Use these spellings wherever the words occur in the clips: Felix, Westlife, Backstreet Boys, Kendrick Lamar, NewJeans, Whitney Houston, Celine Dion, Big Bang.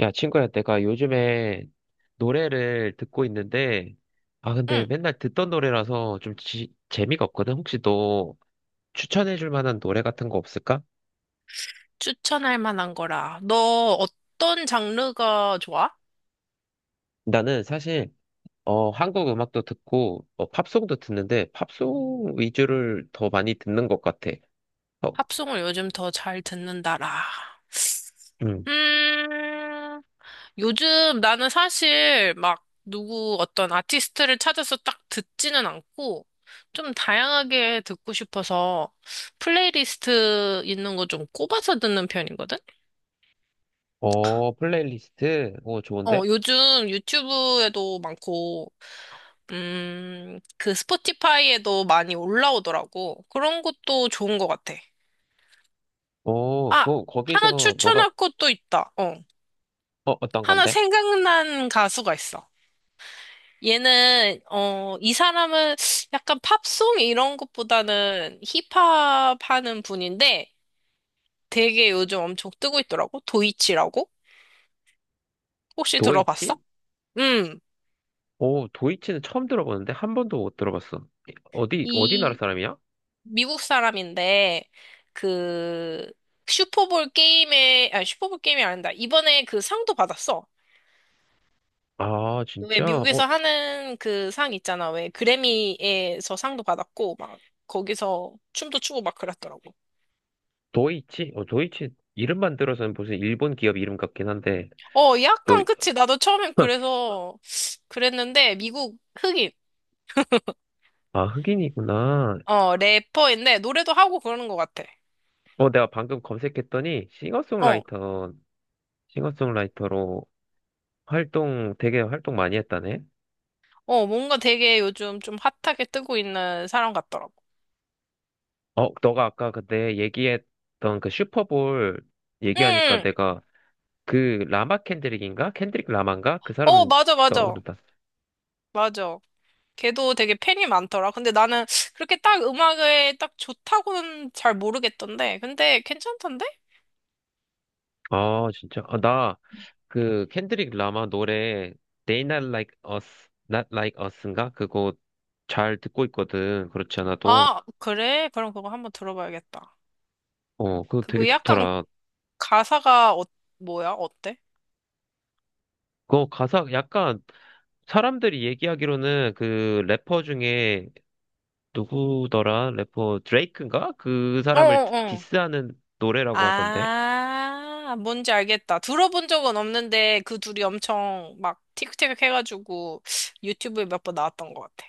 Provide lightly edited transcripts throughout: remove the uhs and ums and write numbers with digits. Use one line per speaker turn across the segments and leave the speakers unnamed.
야, 친구야, 내가 요즘에 노래를 듣고 있는데, 아, 근데
응,
맨날 듣던 노래라서 좀 재미가 없거든? 혹시 너 추천해줄 만한 노래 같은 거 없을까?
추천할 만한 거라. 너 어떤 장르가 좋아?
나는 사실, 한국 음악도 듣고, 팝송도 듣는데, 팝송 위주를 더 많이 듣는 것 같아. 어,
팝송을 요즘 더 잘 듣는다라.
음.
음, 요즘 나는 사실 막 누구 어떤 아티스트를 찾아서 딱 듣지는 않고 좀 다양하게 듣고 싶어서 플레이리스트 있는 거 좀 꼽아서 듣는 편이거든?
플레이리스트? 오,
어,
좋은데?
요즘 유튜브에도 많고, 그 스포티파이에도 많이 올라오더라고. 그런 것도 좋은 것 같아. 아, 하나
거기서 너가,
추천할 것도 있다. 어,
어떤
하나
건데?
생각난 가수가 있어. 얘는, 이 사람은 약간 팝송 이런 것보다는 힙합 하는 분인데 되게 요즘 엄청 뜨고 있더라고. 도이치라고? 혹시 들어봤어?
도이치?
음.
오, 도이치는 처음 들어보는데? 한 번도 못 들어봤어. 어디 나라
이
사람이야?
미국 사람인데 그 슈퍼볼 게임에 아 슈퍼볼 게임이 아니다. 이번에 그 상도 받았어.
아,
왜
진짜?
미국에서 하는 그 상 있잖아. 왜 그래미에서 상도 받았고 막 거기서 춤도 추고 막 그랬더라고.
도이치? 도이치 이름만 들어서는 무슨 일본 기업 이름 같긴 한데,
어,
너,
약간 그치. 나도 처음엔 그래서 그랬는데 미국 흑인
아, 흑인이구나.
어 래퍼인데 노래도 하고 그러는 것 같아.
내가 방금 검색했더니
어,
싱어송라이터로 되게 활동 많이 했다네?
뭔가 되게 요즘 좀 핫하게 뜨고 있는 사람 같더라고.
너가 아까 그때 얘기했던 그 슈퍼볼
응,
얘기하니까
응.
내가 그 라마 캔드릭인가? 캔드릭 라마인가? 그
어
사람
맞아 맞아
떠오르다.
맞아. 걔도 되게 팬이 많더라. 근데 나는 그렇게 딱 음악에 딱 좋다고는 잘 모르겠던데. 근데 괜찮던데?
아, 진짜. 아, 나, 그 켄드릭 라마 노래 They Not Like Us, Not Like Us인가? 그거 잘 듣고 있거든. 그렇지 않아도.
아, 그래? 그럼 그거 한번 들어봐야겠다.
그거 되게
그거 약간
좋더라.
가사가 뭐야? 어때?
그거 가사 약간 사람들이 얘기하기로는 그 래퍼 중에 누구더라? 래퍼 드레이크인가? 그
어,
사람을
어, 어.
디스하는 노래라고 하던데.
아, 뭔지 알겠다. 들어본 적은 없는데 그 둘이 엄청 막 틱틱 해가지고 유튜브에 몇 번 나왔던 것 같아.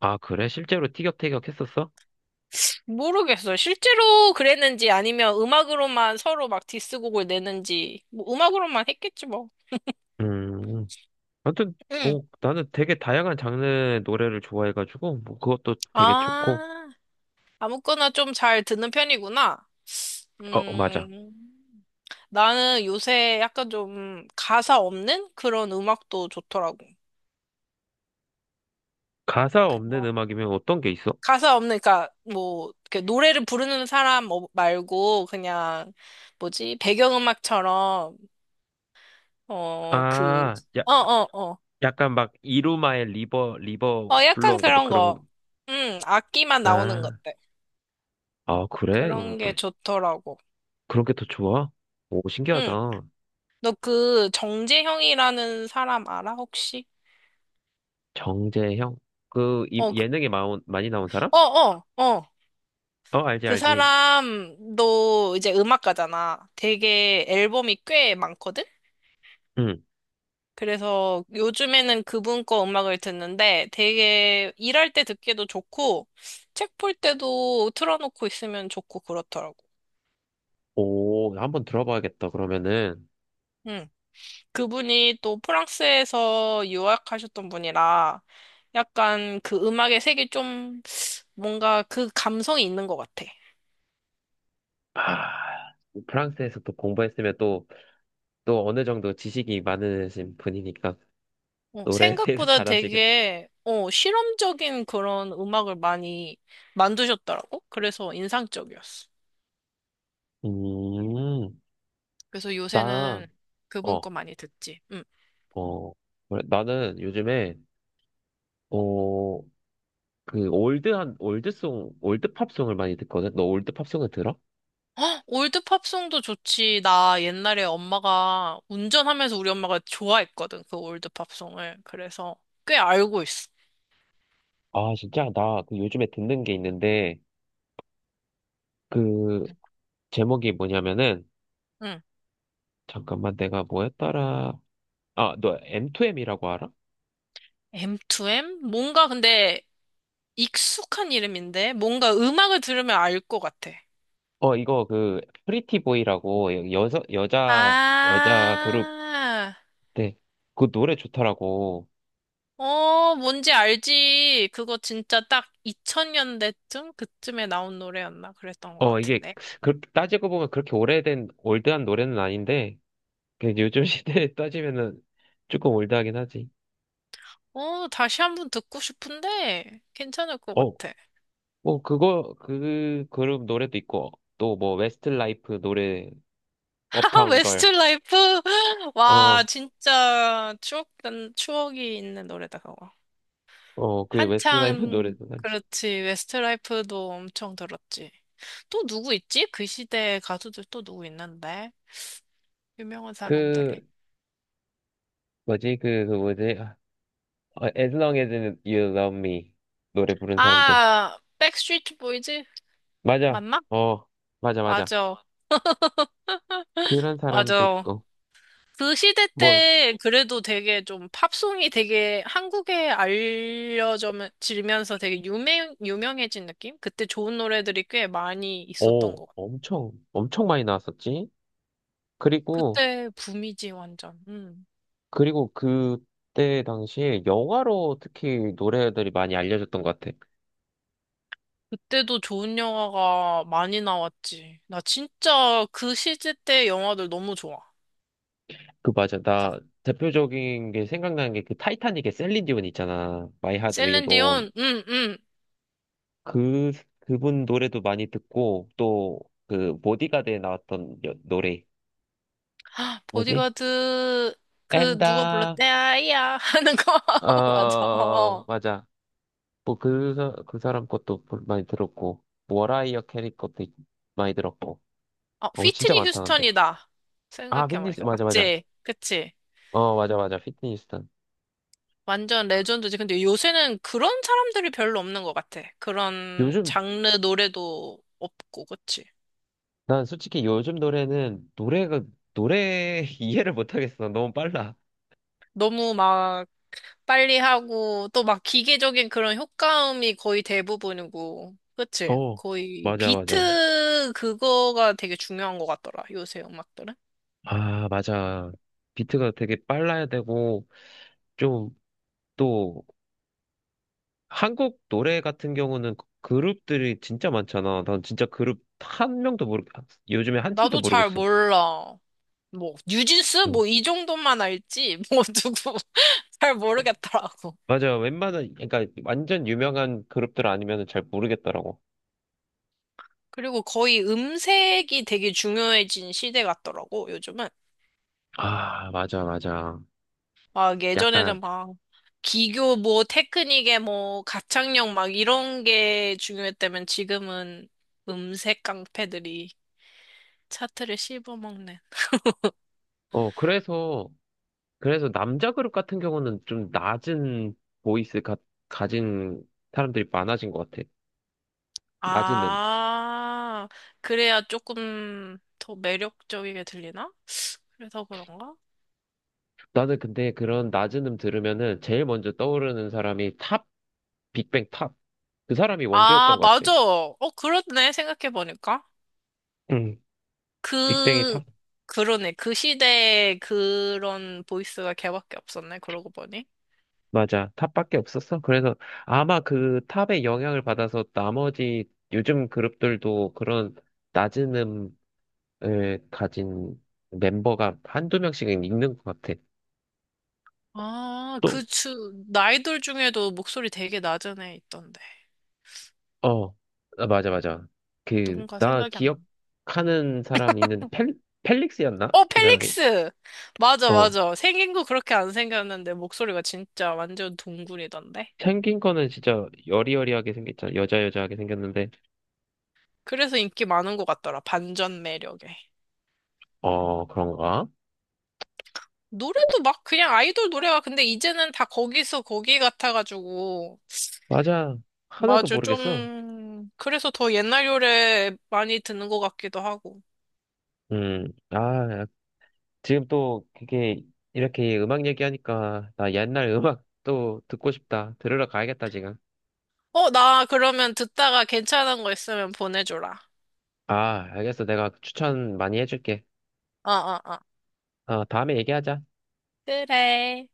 아, 그래? 실제로 티격태격 했었어?
모르겠어. 실제로 그랬는지 아니면 음악으로만 서로 막 디스곡을 내는지 뭐 음악으로만 했겠지 뭐.
음. 아무튼
응.
뭐 나는 되게 다양한 장르의 노래를 좋아해가지고 뭐 그것도 되게 좋고.
아, 아무거나 좀 잘 듣는 편이구나.
맞아.
음, 나는 요새 약간 좀 가사 없는 그런 음악도 좋더라고.
가사 없는
그냥
음악이면 어떤 게 있어?
가사 없는, 그러니까 뭐, 이렇게 노래를 부르는 사람 말고 그냥 뭐지, 배경음악처럼, 어, 그,
아, 야,
어, 어, 어.
약간 막 이루마의 리버 리버
어, 약간
블루인가 뭐
그런
그런
거. 악기만 나오는
아,
것들.
아 그래? 오,
그런 게
또
좋더라고.
그런 게 더 좋아? 오
응.
신기하다.
너 그 정재형이라는 사람 알아, 혹시?
정재형 그
어,
예능에 많이 나온 사람?
어, 어, 어.
어 알지
그
알지.
사람도 이제 음악가잖아. 되게 앨범이 꽤 많거든?
응.
그래서 요즘에는 그분 거 음악을 듣는데 되게 일할 때 듣기도 좋고 책 볼 때도 틀어놓고 있으면 좋고 그렇더라고.
오 한번 들어봐야겠다. 그러면은
응. 그분이 또 프랑스에서 유학하셨던 분이라 약간 그 음악의 색이 좀 뭔가 그 감성이 있는 것 같아.
아 프랑스에서 또 공부했으면 또 어느 정도 지식이 많으신 분이니까 노래에 대해서
생각보다
잘 아시겠다.
되게 실험적인 그런 음악을 많이 만드셨더라고. 그래서 인상적이었어.
음,
그래서
나
요새는 그분
어.
거 많이 듣지. 응.
어, 그래. 나는 요즘에, 어, 올드팝송을 많이 듣거든? 너 올드팝송을 들어?
헉, 올드 팝송도 좋지. 나 옛날에 엄마가 운전하면서 우리 엄마가 좋아했거든. 그 올드 팝송을. 그래서 꽤 알고 있어.
아, 진짜? 나 요즘에 듣는 게 있는데, 그, 제목이 뭐냐면은,
응.
잠깐만 내가 뭐였더라. 아, 너 M2M이라고 알아?
M2M? 뭔가 근데 익숙한 이름인데 뭔가 음악을 들으면 알 것 같아.
이거 프리티보이라고 여자 그룹
아.
때, 그 노래 좋더라고.
어, 뭔지 알지. 그거 진짜 딱 2000년대쯤? 그쯤에 나온 노래였나? 그랬던 것
이게,
같은데.
따지고 보면 그렇게 오래된, 올드한 노래는 아닌데, 그 요즘 시대에 따지면은 조금 올드하긴 하지.
어, 다시 한 번 듣고 싶은데, 괜찮을 것
어,
같아.
뭐 그거 그 그룹 노래도 있고 또 뭐 웨스트라이프 노래
아,
업타운 걸.
웨스트라이프! 와,
어,
진짜 추억, 난 추억이 있는 노래다, 그거.
그 웨스트라이프
한창,
노래도 많지.
그렇지. 웨스트라이프도 엄청 들었지. 또 누구 있지? 그 시대 가수들 또 누구 있는데? 유명한
그
사람들이.
뭐지? 그 뭐지? 아, As long as you love me 노래 부른 사람들.
아, 백스트리트 보이즈?
맞아.
맞나?
어, 맞아 맞아.
맞아.
그런 사람도
맞아.
있고.
그 시대
뭐,
때 그래도 되게 좀 팝송이 되게 한국에 알려지면서 되게 유명해진 느낌? 그때 좋은 노래들이 꽤 많이 있었던
오,
것 같아.
엄청 엄청 많이 나왔었지. 그리고
그때 붐이지, 완전. 음.
그리고 그때 당시에 영화로 특히 노래들이 많이 알려졌던 것 같아.
그때도 좋은 영화가 많이 나왔지. 나 진짜 그 시대 때 영화들 너무 좋아.
그 맞아.
다-
나 대표적인 게 생각나는 게 그 타이타닉의 셀린 디온 있잖아. My Heart
셀
Will
렌디
Go On.
온 응, 응.
그 그분 노래도 많이 듣고 또 그 보디가드에 나왔던 노래
헉,
뭐지?
보디가드, 누가
엔다
불렀대? 아이야. 하는 거. 맞아.
어
어.
맞아. 뭐 그 사람 것도 많이 들었고 워라이어 캐리 것도 많이 들었고.
어,
어 진짜
휘트니
많다 근데.
휴스턴이다.
아 휘트니스
생각해보니까.
맞아 맞아.
맞지? 그치?
어 맞아
음.
맞아 휘트니스턴.
완전 레전드지. 근데 요새는 그런 사람들이 별로 없는 것 같아. 그런
요즘,
장르 노래도 없고, 그치?
난 솔직히 요즘 노래 이해를 못하겠어. 너무 빨라.
너무 막 빨리 하고, 또 막 기계적인 그런 효과음이 거의 대부분이고, 그치?
어,
거의
맞아, 맞아.
비트 그거가 되게 중요한 것 같더라, 요새 음악들은.
아, 맞아. 비트가 되게 빨라야 되고, 좀, 또, 한국 노래 같은 경우는 룹들이 진짜 많잖아. 난 진짜 그룹 한 명도 모르, 요즘에 한 팀도
나도 잘
모르겠어.
몰라. 뭐, 뉴진스?
응.
뭐, 이 정도만 알지? 뭐, 누구, 잘 모르겠더라고.
맞아. 웬만한, 그러니까 완전 유명한 그룹들 아니면 잘 모르겠더라고.
그리고 거의 음색이 되게 중요해진 시대 같더라고, 요즘은.
아, 맞아, 맞아.
막
약간,
예전에는 막 기교 뭐 테크닉에 뭐 가창력 막 이런 게 중요했다면 지금은 음색 깡패들이 차트를 씹어먹는.
어, 그래서, 그래서 남자 그룹 같은 경우는 좀 낮은 보이스 가진 사람들이 많아진 것 같아. 낮은
아, 그래야 조금 더 매력적이게 들리나? 그래서 그런가?
나는 근데 그런 낮은 들으면은 제일 먼저 떠오르는 사람이 탑, 빅뱅 탑. 그 사람이
아,
원조였던 것 같아.
맞아. 어, 그렇네. 생각해보니까.
응, 빅뱅이
그,
탑?
그러네. 그 시대에 그런 보이스가 걔밖에 없었네. 그러고 보니.
맞아. 탑밖에 없었어. 그래서 아마 그 탑의 영향을 받아서 나머지 요즘 그룹들도 그런 낮은 음을 가진 멤버가 한두 명씩은 있는 것 같아.
아, 그 아이돌 중에도 목소리 되게 낮은 애 있던데.
어, 아, 맞아, 맞아.
누군가
나
생각이 안 나.
기억하는 사람 있는데, 펠릭스였나?
어,
그 사람이?
펠릭스! 맞아,
어,
맞아. 생긴 거 그렇게 안 생겼는데 목소리가 진짜 완전 동굴이던데.
생긴 거는 진짜 여리여리하게 생겼잖아. 여자여자하게 생겼는데,
그래서 인기 많은 것 같더라. 반전 매력에.
그런가?
노래도 막 그냥 아이돌 노래가 근데 이제는 다 거기서 거기 같아가지고
맞아. 하나도
맞아,
모르겠어.
좀, 그래서 더 옛날 요래 많이 듣는 것 같기도 하고.
아, 지금 또 그게 이렇게 음악 얘기하니까 나 옛날 음악 또 듣고 싶다. 들으러 가야겠다, 지금.
어, 나 그러면 듣다가 괜찮은 거 있으면 보내줘라.
아, 알겠어. 내가 추천 많이 해줄게.
어, 어, 어.
다음에 얘기하자.
그래.